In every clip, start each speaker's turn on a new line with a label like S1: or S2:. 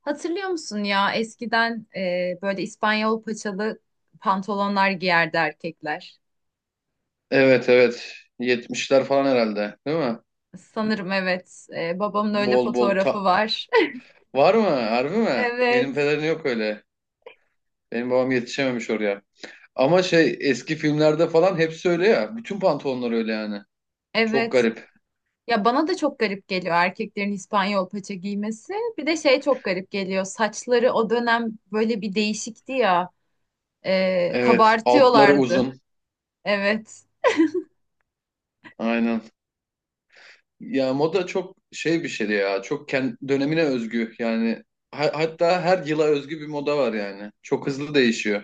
S1: Hatırlıyor musun ya eskiden böyle İspanyol paçalı pantolonlar giyerdi erkekler.
S2: Evet, evet. 70'ler falan herhalde, değil mi?
S1: Sanırım evet. Babamın öyle
S2: Bol bol
S1: fotoğrafı var.
S2: var mı? Harbi mi? Benim
S1: Evet.
S2: pederin yok öyle. Benim babam yetişememiş oraya. Ama şey eski filmlerde falan hepsi öyle ya. Bütün pantolonlar öyle yani. Çok
S1: Evet.
S2: garip.
S1: Ya bana da çok garip geliyor erkeklerin İspanyol paça giymesi. Bir de şey çok garip geliyor. Saçları o dönem böyle bir değişikti ya.
S2: Evet, altları
S1: Kabartıyorlardı.
S2: uzun.
S1: Evet.
S2: Aynen. Ya moda çok şey bir şeydi ya. Çok kendi dönemine özgü yani. Hatta her yıla özgü bir moda var yani. Çok hızlı değişiyor.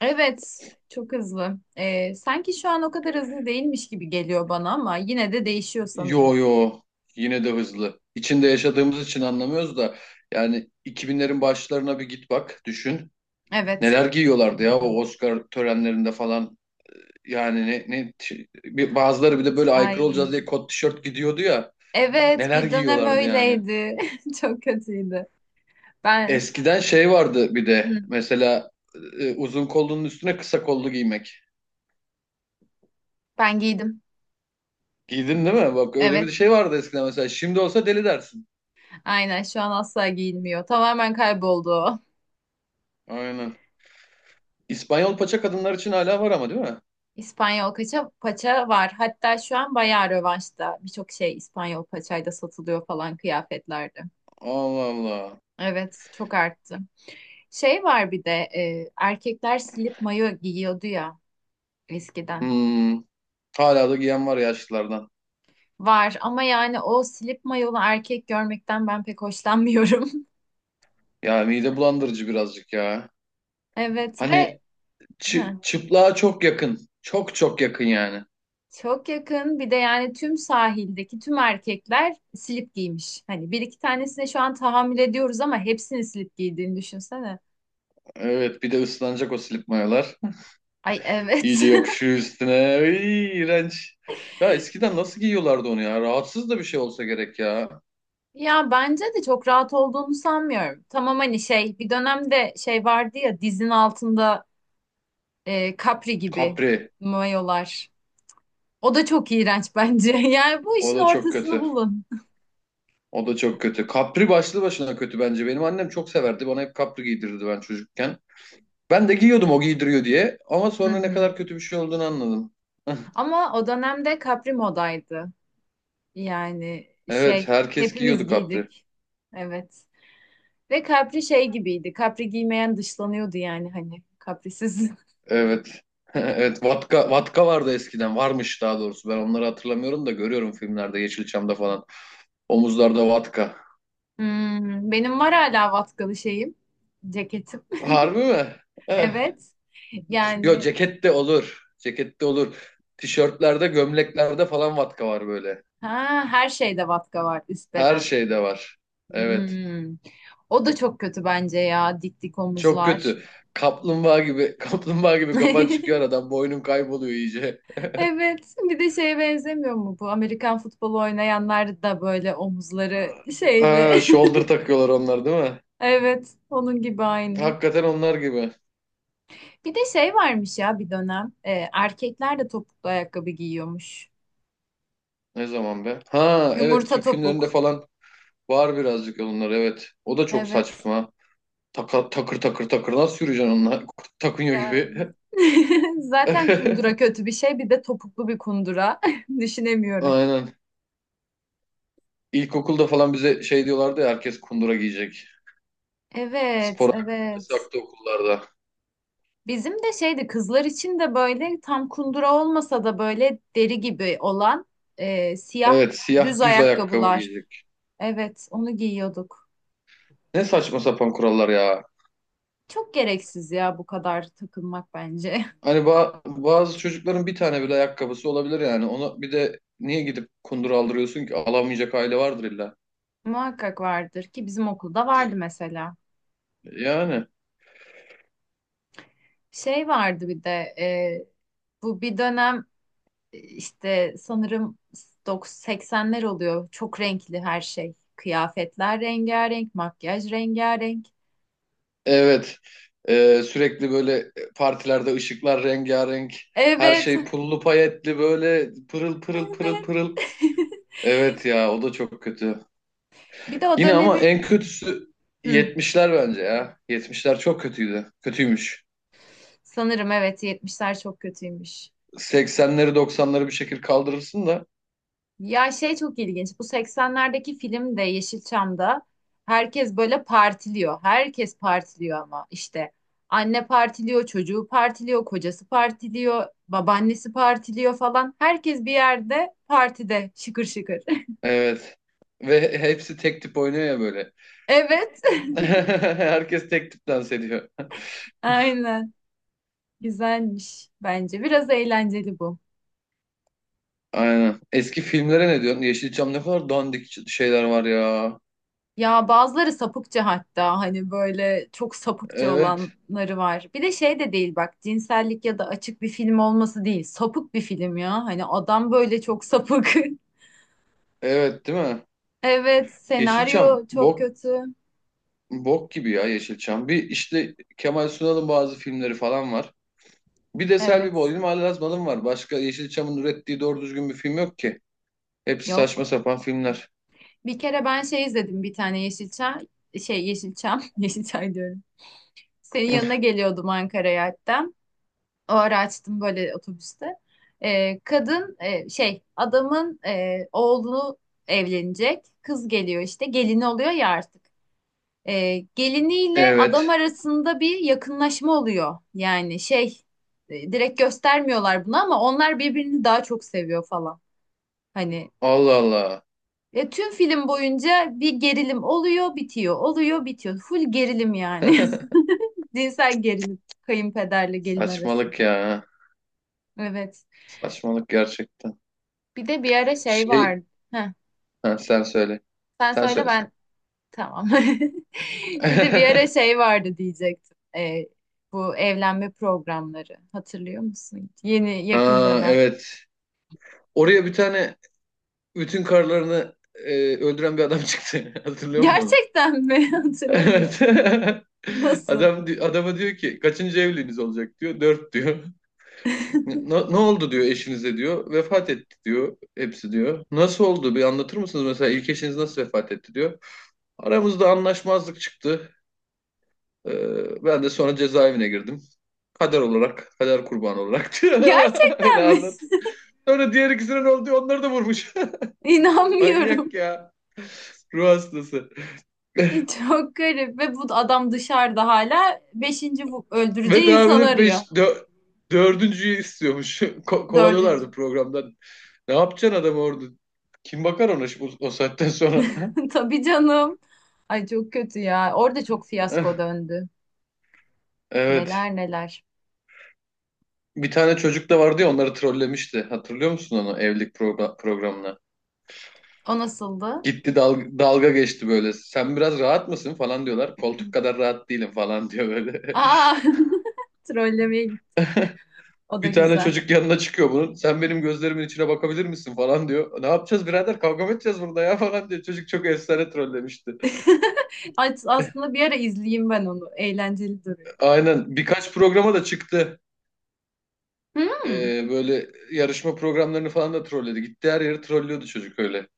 S1: Evet. Çok hızlı. Sanki şu an o kadar hızlı değilmiş gibi geliyor bana ama yine de değişiyor sanırım.
S2: Yo, yo, yine de hızlı. İçinde yaşadığımız için anlamıyoruz da yani 2000'lerin başlarına bir git bak düşün.
S1: Evet.
S2: Neler giyiyorlardı ya o Oscar törenlerinde falan. Yani ne bazıları bir de böyle aykırı olacağız
S1: Ay
S2: diye kot tişört gidiyordu ya.
S1: evet,
S2: Neler
S1: bir dönem
S2: giyiyorlardı yani.
S1: öyleydi. Çok kötüydü. Ben
S2: Eskiden şey vardı bir de
S1: hı,
S2: mesela uzun kollunun üstüne kısa kollu giymek.
S1: ben giydim.
S2: Giydin değil mi? Bak öyle bir
S1: Evet.
S2: şey vardı eskiden mesela. Şimdi olsa deli dersin.
S1: Aynen şu an asla giyilmiyor. Tamamen kayboldu o.
S2: Aynen. İspanyol paça kadınlar için hala var ama değil mi?
S1: İspanyol paça var. Hatta şu an bayağı rövanşta. Birçok şey İspanyol paçayla satılıyor falan kıyafetlerde.
S2: Allah Allah.
S1: Evet, çok arttı. Şey var bir de erkekler slip mayo giyiyordu ya eskiden.
S2: Hmm, hala da giyen var yaşlılardan.
S1: Var ama yani o slip mayolu erkek görmekten ben pek hoşlanmıyorum.
S2: Ya mide bulandırıcı birazcık ya.
S1: Evet ve
S2: Hani çıplığa çok yakın. Çok çok yakın yani.
S1: çok yakın. Bir de yani tüm sahildeki tüm erkekler slip giymiş. Hani bir iki tanesine şu an tahammül ediyoruz ama hepsini slip giydiğini düşünsene.
S2: Evet, bir de ıslanacak o slip mayolar.
S1: Ay evet.
S2: İyice yapışıyor üstüne. İğrenç. Ya eskiden nasıl giyiyorlardı onu ya? Rahatsız da bir şey olsa gerek ya.
S1: Ya bence de çok rahat olduğunu sanmıyorum. Tamam hani şey bir dönemde şey vardı ya dizin altında kapri gibi
S2: Capri.
S1: mayolar. O da çok iğrenç bence. Yani bu
S2: O
S1: işin
S2: da çok
S1: ortasını
S2: kötü.
S1: bulun.
S2: O da çok kötü. Capri başlı başına kötü bence. Benim annem çok severdi. Bana hep capri giydirirdi ben çocukken. Ben de giyiyordum o giydiriyor diye. Ama
S1: Hı
S2: sonra ne
S1: hı.
S2: kadar kötü bir şey olduğunu anladım.
S1: Ama o dönemde kapri modaydı. Yani
S2: Evet,
S1: şey
S2: herkes
S1: hepimiz
S2: giyiyordu kapri.
S1: giydik. Evet. Ve Capri şey gibiydi. Capri giymeyen dışlanıyordu yani hani. Caprisiz.
S2: Evet. Evet, vatka vatka vardı eskiden, varmış daha doğrusu, ben onları hatırlamıyorum da görüyorum filmlerde Yeşilçam'da falan, omuzlarda vatka.
S1: Hmm, benim var hala vatkalı şeyim. Ceketim.
S2: Harbi mi? Eh.
S1: Evet.
S2: Yo,
S1: Yani
S2: ceket de olur, ceket de olur. Tişörtlerde, gömleklerde falan vatka var böyle,
S1: ha, her şeyde vatka var üst
S2: her
S1: beden.
S2: şeyde var, evet,
S1: Hmm. O da çok kötü bence ya. Dik dik
S2: çok
S1: omuzlar.
S2: kötü. Kaplumbağa gibi kaplumbağa gibi kafan çıkıyor aradan, boynun kayboluyor iyice.
S1: Evet, bir de şeye benzemiyor mu bu? Amerikan futbolu oynayanlar da böyle omuzları şeyli.
S2: Ha, shoulder takıyorlar, onlar değil mi?
S1: Evet, onun gibi aynı.
S2: Hakikaten onlar gibi.
S1: Bir de şey varmış ya bir dönem. Erkekler de topuklu ayakkabı giyiyormuş.
S2: Ne zaman be? Ha, evet,
S1: Yumurta
S2: Türk filmlerinde
S1: topuk.
S2: falan var birazcık onlar, evet. O da çok
S1: Evet.
S2: saçma. Takır takır takır, nasıl yürüyeceksin onunla? Takınıyor gibi.
S1: Yani. Zaten kundura kötü bir şey. Bir de topuklu bir kundura. Düşünemiyorum.
S2: Aynen. İlkokulda falan bize şey diyorlardı ya, herkes kundura giyecek.
S1: Evet,
S2: Spor ayakkabı
S1: evet.
S2: yasaktı okullarda.
S1: Bizim de şeydi kızlar için de böyle tam kundura olmasa da böyle deri gibi olan siyah
S2: Evet,
S1: düz
S2: siyah düz ayakkabı
S1: ayakkabılar.
S2: giyecek.
S1: Evet, onu giyiyorduk.
S2: Ne saçma sapan kurallar ya.
S1: Çok gereksiz ya bu kadar takılmak bence.
S2: Hani bazı çocukların bir tane bile ayakkabısı olabilir yani. Ona bir de niye gidip kundura aldırıyorsun ki? Alamayacak aile vardır illa.
S1: Muhakkak vardır ki bizim okulda vardı mesela.
S2: Yani.
S1: Şey vardı bir de bu bir dönem e, işte sanırım 90 80'ler oluyor. Çok renkli her şey. Kıyafetler rengarenk, makyaj rengarenk.
S2: Evet. Sürekli böyle partilerde ışıklar rengarenk. Her
S1: Evet,
S2: şey pullu payetli, böyle pırıl pırıl pırıl
S1: evet.
S2: pırıl. Evet ya, o da çok kötü.
S1: Bir de o
S2: Yine ama en
S1: dönemin
S2: kötüsü
S1: Hı,
S2: yetmişler bence ya. Yetmişler çok kötüydü. Kötüymüş.
S1: sanırım evet 70'ler çok kötüymüş.
S2: 80'leri, 90'ları bir şekilde kaldırırsın da
S1: Ya şey çok ilginç. Bu 80'lerdeki film de Yeşilçam'da herkes böyle partiliyor. Herkes partiliyor ama işte anne partiliyor, çocuğu partiliyor, kocası partiliyor, babaannesi partiliyor falan. Herkes bir yerde partide şıkır şıkır.
S2: evet. Ve hepsi tek tip oynuyor ya böyle.
S1: Evet,
S2: Herkes tek tip dans ediyor.
S1: aynen. Güzelmiş bence. Biraz eğlenceli bu.
S2: Aynen. Eski filmlere ne diyorsun? Yeşilçam ne kadar dandik şeyler var ya.
S1: Ya bazıları sapıkça, hatta hani böyle çok sapıkça
S2: Evet.
S1: olanları var. Bir de şey de değil bak, cinsellik ya da açık bir film olması değil. Sapık bir film ya. Hani adam böyle çok sapık.
S2: Evet, değil mi?
S1: Evet,
S2: Yeşilçam
S1: senaryo çok
S2: bok,
S1: kötü.
S2: bok gibi ya Yeşilçam. Bir, işte Kemal Sunal'ın bazı filmleri falan var. Bir de Selvi
S1: Evet,
S2: Boylum, Ali Razmalım var. Başka Yeşilçam'ın ürettiği doğru düzgün bir film yok ki. Hepsi saçma
S1: yok.
S2: sapan filmler.
S1: Bir kere ben şey izledim bir tane Yeşilçam. Şey Yeşilçam, Yeşilçay diyorum. Senin yanına geliyordum Ankara'ya hatta. Ağır açtım böyle otobüste. Kadın e, şey adamın e, oğlu evlenecek. Kız geliyor işte gelini oluyor ya artık. Geliniyle adam
S2: Evet.
S1: arasında bir yakınlaşma oluyor. Yani şey direkt göstermiyorlar bunu ama onlar birbirini daha çok seviyor falan. Hani
S2: Allah Allah.
S1: tüm film boyunca bir gerilim oluyor, bitiyor, oluyor, bitiyor. Full gerilim yani. Cinsel gerilim kayınpederle gelin
S2: Saçmalık
S1: arasında.
S2: ya.
S1: Evet.
S2: Saçmalık gerçekten.
S1: Bir de bir ara şey
S2: Şey,
S1: vardı. Heh,
S2: ha, sen söyle.
S1: sen
S2: Sen
S1: söyle
S2: söyle sen.
S1: ben tamam. Bir de bir ara şey vardı diyecektim. Bu evlenme programları. Hatırlıyor musun? Yeni yakın
S2: Ha,
S1: dönem.
S2: evet. Oraya bir tane bütün karlarını öldüren bir adam çıktı. Hatırlıyor musun?
S1: Gerçekten mi?
S2: Evet.
S1: Hatırlamıyorum. Nasıl?
S2: Adam adama diyor ki, kaçıncı evliliğiniz olacak diyor. Dört diyor. Ne, no, ne oldu diyor eşinize diyor. Vefat etti diyor. Hepsi diyor. Nasıl oldu, bir anlatır mısınız, mesela ilk eşiniz nasıl vefat etti diyor. Aramızda anlaşmazlık çıktı. Ben de sonra cezaevine girdim. Kader olarak, kader kurbanı olarak diyor. Öyle
S1: Gerçekten mi?
S2: anlat. Sonra diğer ikisine ne oldu diyor. Onları da vurmuş. Manyak
S1: İnanmıyorum.
S2: ya. Ruh hastası.
S1: Çok garip. Ve bu adam dışarıda hala
S2: Ve
S1: öldüreceği
S2: daha bir
S1: insan
S2: de
S1: arıyor.
S2: dördüncüyü istiyormuş.
S1: Dördüncü.
S2: Kovalıyorlardı programdan. Ne yapacaksın adam orada? Kim bakar ona o saatten sonra?
S1: Tabii canım. Ay çok kötü ya. Orada çok fiyasko döndü.
S2: Evet.
S1: Neler neler.
S2: Bir tane çocuk da vardı ya, onları trollemişti. Hatırlıyor musun onu, evlilik programına?
S1: O nasıldı?
S2: Gitti dalga geçti böyle. Sen biraz rahat mısın falan diyorlar. Koltuk kadar rahat değilim falan diyor böyle.
S1: Aa, trollemeye git. O da
S2: Bir tane
S1: güzel.
S2: çocuk yanına çıkıyor bunun. Sen benim gözlerimin içine bakabilir misin falan diyor. Ne yapacağız birader? Kavga mı edeceğiz burada ya falan diyor. Çocuk çok efsane trollemişti.
S1: Aslında bir ara izleyeyim ben onu. Eğlenceli duruyor.
S2: Aynen. Birkaç programa da çıktı.
S1: Hmm.
S2: Böyle yarışma programlarını falan da trolledi. Gitti her yeri trollüyordu çocuk öyle.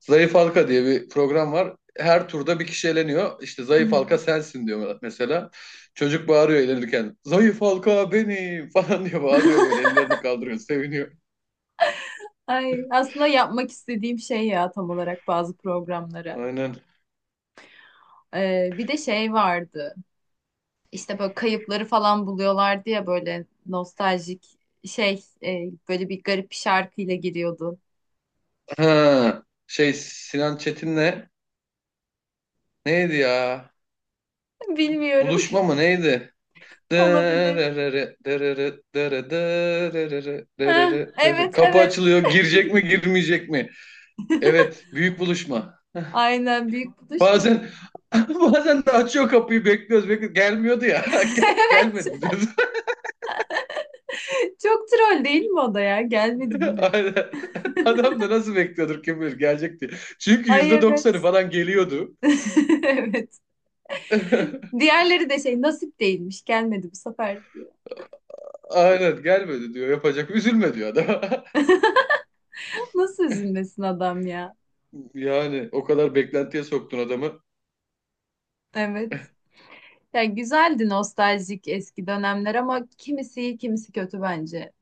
S2: Zayıf Halka diye bir program var. Her turda bir kişi eleniyor. İşte
S1: Hı
S2: zayıf
S1: hı.
S2: halka sensin diyor mesela. Çocuk bağırıyor elenirken. Zayıf halka benim falan diye bağırıyor böyle. Ellerini kaldırıyor, seviniyor.
S1: Ay, aslında yapmak istediğim şey ya tam olarak bazı programları.
S2: Aynen.
S1: Bir de şey vardı. İşte böyle kayıpları falan buluyorlardı ya böyle nostaljik şey, böyle bir garip bir şarkıyla giriyordu.
S2: Ha, şey, Sinan Çetin'le neydi ya?
S1: Bilmiyorum.
S2: Buluşma mı neydi?
S1: Olabilir.
S2: Dırırırı, dırırı, dırı, dırırırı,
S1: Eh,
S2: dırırı, dırı.
S1: evet
S2: Kapı
S1: evet.
S2: açılıyor. Girecek mi, girmeyecek mi? Evet, büyük buluşma.
S1: Aynen büyük buluş mu?
S2: Bazen bazen de açıyor kapıyı, bekliyoruz bekliyoruz. Gelmiyordu ya.
S1: Evet.
S2: Gelmedi mi diyoruz.
S1: Çok troll değil mi o da ya? Gelmedi bu ne?
S2: Aynen. Adam da nasıl bekliyordur kim bilir, gelecek diye. Çünkü
S1: Ay
S2: %90'ı
S1: evet.
S2: falan geliyordu.
S1: Evet. Diğerleri de şey nasip değilmiş, gelmedi bu sefer diyor.
S2: Aynen, gelmedi diyor. Yapacak. Üzülme diyor adam.
S1: Nasıl üzülmesin adam ya?
S2: Yani o kadar beklentiye soktun adamı.
S1: Evet. Ya güzeldi nostaljik eski dönemler ama kimisi iyi kimisi kötü bence.